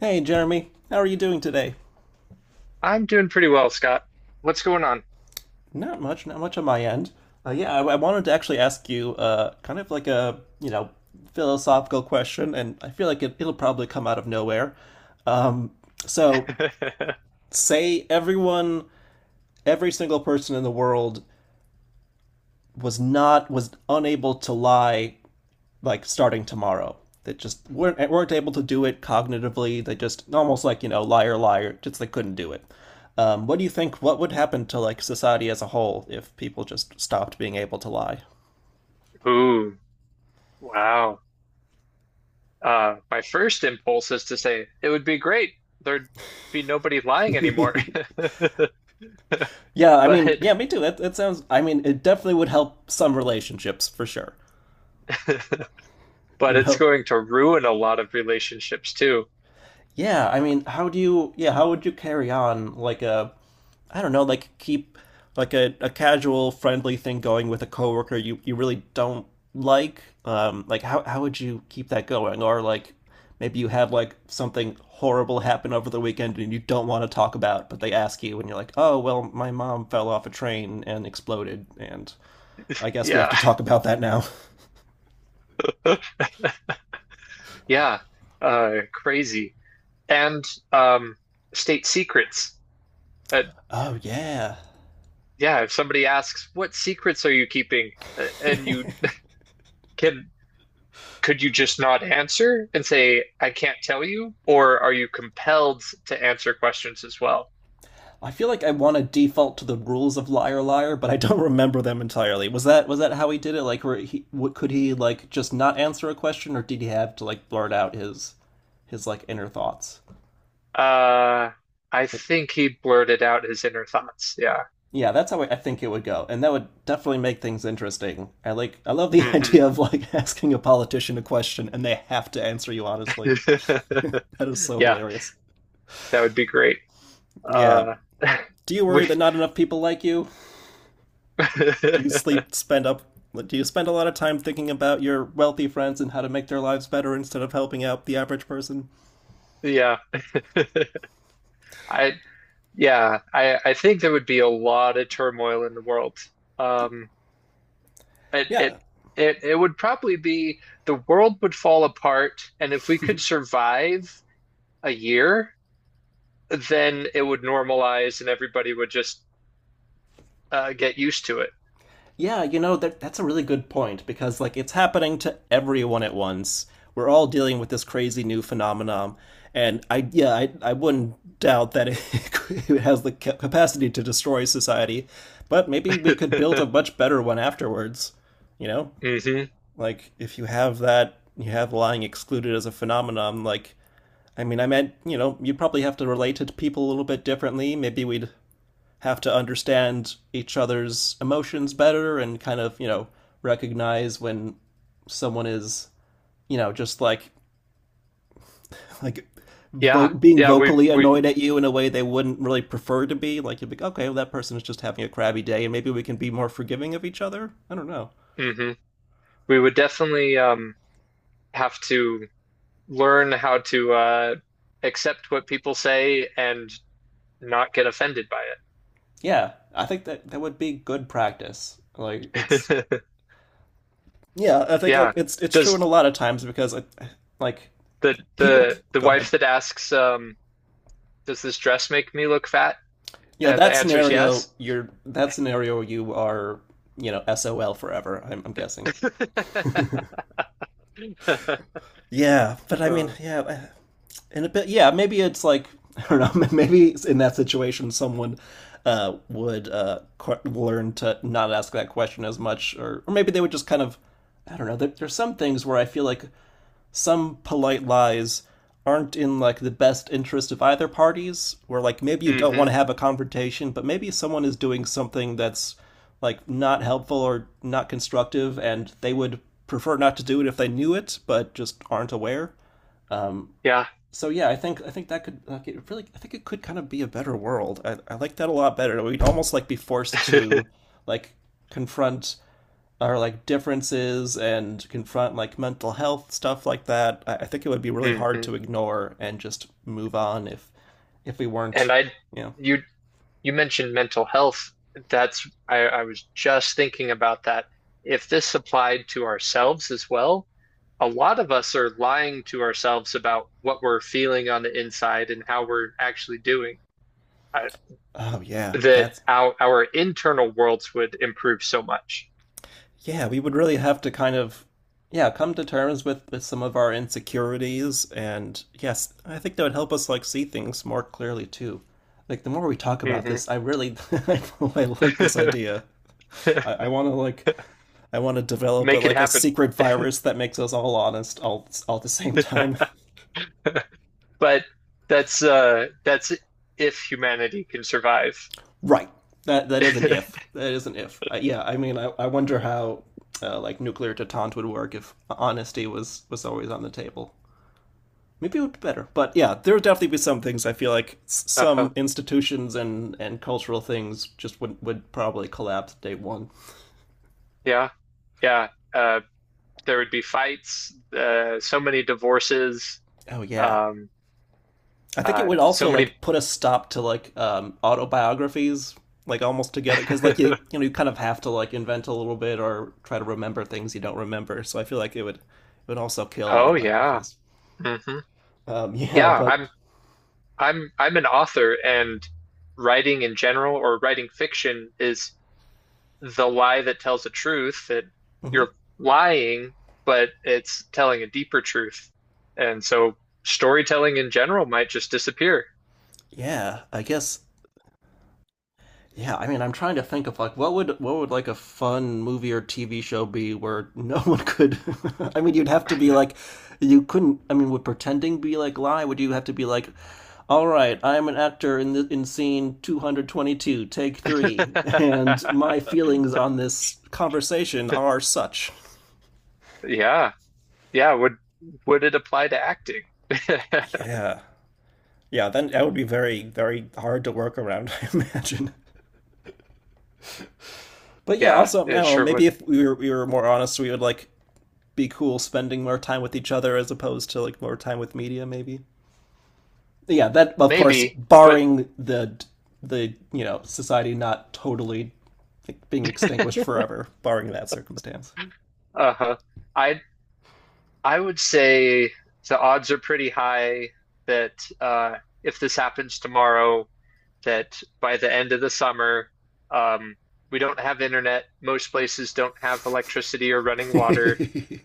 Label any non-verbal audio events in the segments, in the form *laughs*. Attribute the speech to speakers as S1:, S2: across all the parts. S1: Hey, Jeremy, how are you doing today?
S2: I'm doing pretty well, Scott. What's going on?
S1: Not much, not much on my end. Yeah, I wanted to actually ask you, kind of like a philosophical question, and I feel like it'll probably come out of nowhere. So,
S2: *laughs*
S1: say everyone, every single person in the world was not, was unable to lie like starting tomorrow. They just weren't able to do it cognitively. They just almost like liar liar. Just they couldn't do it. What do you think? What would happen to like society as a whole if people just stopped being able to lie?
S2: Ooh, wow. My first impulse is to say it would be great. There'd be nobody lying anymore. *laughs*
S1: Yeah, I mean, yeah,
S2: But
S1: me too. That sounds. I mean, it definitely would help some relationships for sure.
S2: *laughs*
S1: It
S2: but
S1: would
S2: it's
S1: help.
S2: going to ruin a lot of relationships too.
S1: Yeah, I mean, how do you? Yeah, how would you carry on like a I don't know, like keep like a casual friendly thing going with a coworker you really don't like? Like how would you keep that going? Or like maybe you had like something horrible happen over the weekend and you don't want to talk about, but they ask you and you're like, oh, well, my mom fell off a train and exploded and I guess we have
S2: Yeah.
S1: to talk about that now. *laughs*
S2: *laughs* Yeah. Crazy. And um, state secrets. Uh,
S1: Oh yeah.
S2: yeah, if somebody asks, what secrets are you keeping? And you can could you just not answer and say, I can't tell you? Or are you compelled to answer questions as well?
S1: I feel like I want to default to the rules of Liar Liar, but I don't *laughs* remember them entirely. Was that how he did it? Like, were he what, could he like just not answer a question, or did he have to like blurt out his like inner thoughts?
S2: Uh, I
S1: It,
S2: think he blurted out his inner thoughts. Yeah.
S1: Yeah, that's how I think it would go, and that would definitely make things interesting. I love the *laughs*
S2: hmm
S1: idea of like asking a politician a question and they have to answer you honestly.
S2: *laughs*
S1: That is so
S2: Yeah,
S1: hilarious.
S2: that would be great.
S1: Yeah.
S2: Uh,
S1: Do you
S2: *laughs* we,
S1: worry that not enough people like you? Do you sleep
S2: *laughs*
S1: spend up do you spend a lot of time thinking about your wealthy friends and how to make their lives better instead of helping out the average person?
S2: yeah. *laughs* I, yeah, I think there would be a lot of turmoil in the world. Um, it,
S1: Yeah.
S2: it, it would probably be the world would fall apart, and if we could survive, a year, then it would normalize and everybody would just get used to
S1: Yeah, you know that that's a really good point because like it's happening to everyone at once. We're all dealing with this crazy new phenomenon and I yeah, I wouldn't doubt that it, *laughs* it has the capacity to destroy society, but maybe we could build a
S2: it.
S1: much better one afterwards, you know?
S2: *laughs* hmm
S1: Like if you have that you have lying excluded as a phenomenon like I mean, I meant, you know, you'd probably have to relate to people a little bit differently. Maybe we'd have to understand each other's emotions better and kind of, recognize when someone is, just like *laughs* like
S2: Yeah,
S1: being
S2: yeah, we
S1: vocally
S2: we
S1: annoyed at you in a way they wouldn't really prefer to be. Like you'd be, like, okay, well, that person is just having a crabby day, and maybe we can be more forgiving of each other. I don't know.
S2: hmm we would definitely have to learn how to accept what people say and not get offended by
S1: Yeah, I think that that would be good practice. Like it's
S2: it. *laughs*
S1: yeah, I think like
S2: Yeah.
S1: it's true in a
S2: Does
S1: lot of times because like
S2: the
S1: people
S2: the the
S1: go ahead.
S2: wife that asks, does this dress make me look fat?
S1: You know
S2: And the
S1: that
S2: answer is
S1: scenario.
S2: yes.
S1: You are SOL forever. I'm guessing.
S2: *laughs*
S1: Yeah, but I mean,
S2: Uh,
S1: yeah, in a bit. Yeah, maybe it's like *laughs* I don't know. *laughs* Maybe in that situation, someone would learn to not ask that question as much, or maybe they would just kind of. I don't know. There's some things where I feel like some polite lies aren't in like the best interest of either parties where like maybe you don't want to
S2: hmm
S1: have a confrontation but maybe someone is doing something that's like not helpful or not constructive and they would prefer not to do it if they knew it but just aren't aware
S2: Yeah.
S1: so yeah, I think that could like it really I think it could kind of be a better world. I like that a lot better. We'd almost like be forced to
S2: *laughs*
S1: like confront our like differences and confront like mental health stuff like that. I think it would be really hard
S2: hmm
S1: to ignore and just move on if we weren't,
S2: And
S1: you know.
S2: you, you mentioned mental health. That's, I was just thinking about that. If this applied to ourselves as well, a lot of us are lying to ourselves about what we're feeling on the inside and how we're actually doing. I,
S1: Oh yeah,
S2: that
S1: that's
S2: our internal worlds would improve so much.
S1: yeah, we would really have to kind of yeah, come to terms with some of our insecurities and yes, I think that would help us like see things more clearly too. Like the more we talk about
S2: Hmm
S1: this, I really *laughs* I really like this
S2: *laughs*
S1: idea. I want to like I want to develop
S2: Make it
S1: like a
S2: happen.
S1: secret
S2: *laughs*
S1: virus that makes us all honest all at the same time. *laughs*
S2: But that's if humanity can survive.
S1: Right. That is an
S2: *laughs*
S1: if. That is an if. Yeah. I mean, I wonder how like nuclear detente would work if honesty was always on the table. Maybe it would be better. But yeah, there would definitely be some things I feel like
S2: Uh-huh.
S1: some institutions and cultural things just would probably collapse day one.
S2: Yeah. Yeah. Uh, there would be fights, so many divorces,
S1: Oh yeah,
S2: um,
S1: I think it would
S2: so
S1: also
S2: many.
S1: like put a stop to like autobiographies like almost together because like
S2: *laughs*
S1: you kind of have to like invent a little bit or try to remember things you don't remember. So I feel like it would also kill
S2: Oh yeah,
S1: autobiographies.
S2: hmm
S1: *laughs* Yeah,
S2: yeah.
S1: but
S2: I'm an author, and writing in general or writing fiction is the lie that tells the truth that
S1: Mhm.
S2: you're lying, but it's telling a deeper truth, and so storytelling in general might just disappear.
S1: Yeah, I guess yeah, I mean, I'm trying to think of like what would like a fun movie or TV show be where no one could. *laughs* I mean, you'd have to be like, you couldn't. I mean, would pretending be like lie? Would you have to be like, all right, I'm an actor in scene 222, take three, and
S2: *laughs*
S1: my feelings on this conversation are such.
S2: Yeah, yeah. Would it apply to acting? *laughs*
S1: Yeah, yeah. Then that would be very very hard to work around, *laughs* I imagine. But yeah,
S2: Yeah,
S1: also I
S2: it
S1: don't know.
S2: sure would.
S1: Maybe if we were more honest, we would like be cool spending more time with each other as opposed to like more time with media maybe yeah that of course
S2: Maybe, but
S1: barring the society not totally like, being extinguished
S2: *laughs*
S1: forever barring that circumstance.
S2: uh I I would say the odds are pretty high that uh, if this happens tomorrow, that by the end of the summer, um, we don't have internet. Most places don't have electricity or running water.
S1: *laughs*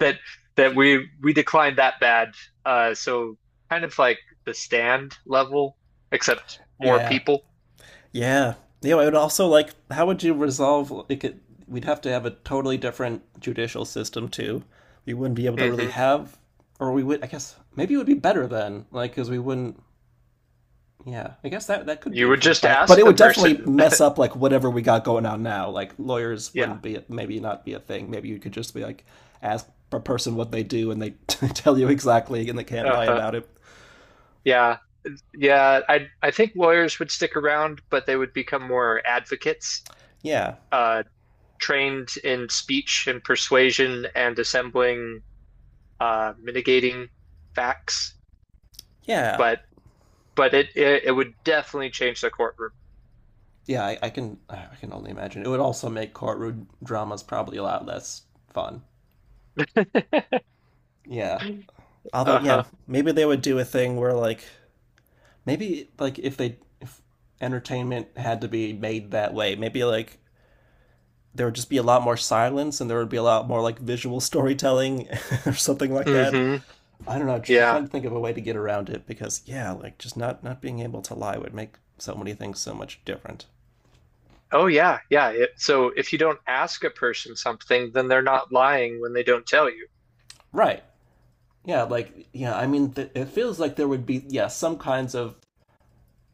S2: That that we declined that bad. So kind of like the stand level, except more
S1: Yeah,
S2: people.
S1: yeah, I would also like how would you resolve like it, we'd have to have a totally different judicial system too. We wouldn't be able to really
S2: Hmm
S1: have or we would I guess maybe it would be better then like because we wouldn't. Yeah, I guess that that could be
S2: You would
S1: improved
S2: just
S1: by it, but
S2: ask
S1: it
S2: the
S1: would definitely
S2: person. *laughs*
S1: mess up like whatever we got going on now. Like lawyers
S2: Yeah.
S1: wouldn't be maybe not be a thing. Maybe you could just be like ask a person what they do and they *laughs* tell you exactly and they can't lie
S2: Uh-huh.
S1: about it.
S2: Yeah. Yeah, I think lawyers would stick around, but they would become more advocates,
S1: Yeah,
S2: uh, trained in speech and persuasion and assembling, mitigating facts.
S1: yeah,
S2: But but it would definitely change the courtroom.
S1: yeah. I can only imagine it would also make courtroom dramas probably a lot less fun. Yeah, although yeah,
S2: Uh-huh.
S1: maybe they would do a thing where like maybe like if entertainment had to be made that way, maybe like there would just be a lot more silence and there would be a lot more like visual storytelling *laughs* or something like that.
S2: hmm
S1: I don't know, just
S2: Yeah.
S1: trying to think of a way to get around it because yeah, like just not being able to lie would make so many things so much different.
S2: Oh yeah, yeah. It, so if you don't ask a person something, then they're not lying when they don't tell you.
S1: Right. Yeah, like yeah, I mean it feels like there would be yeah, some kinds of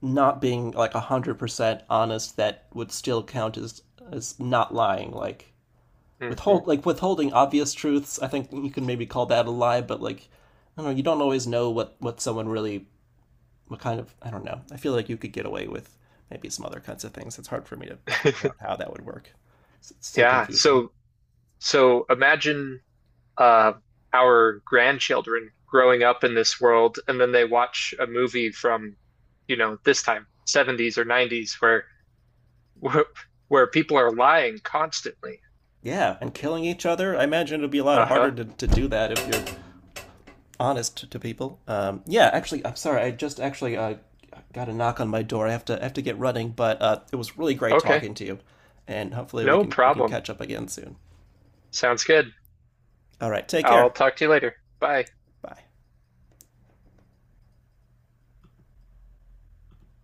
S1: not being like 100% honest that would still count as not lying like
S2: Hmm
S1: withholding obvious truths. I think you can maybe call that a lie, but like I don't know, you don't always know what someone really what kind of I don't know. I feel like you could get away with maybe some other kinds of things. It's hard for me to figure out how
S2: *laughs*
S1: that would work. It's so
S2: Yeah.
S1: confusing.
S2: So imagine. uh, our grandchildren growing up in this world, and then they watch a movie from, you know, this time, 70s or 90s, where, where people are lying constantly.
S1: Yeah, and killing each other. I imagine it'd be a lot harder
S2: Uh-huh.
S1: to do that if you're honest to people. Yeah, actually, I'm sorry. I just actually got a knock on my door. I have to get running, but it was really great
S2: Okay.
S1: talking to you, and hopefully
S2: No
S1: we can
S2: problem.
S1: catch up again soon.
S2: Sounds good.
S1: All right, take
S2: I'll
S1: care.
S2: talk to you later. Bye.
S1: Bye.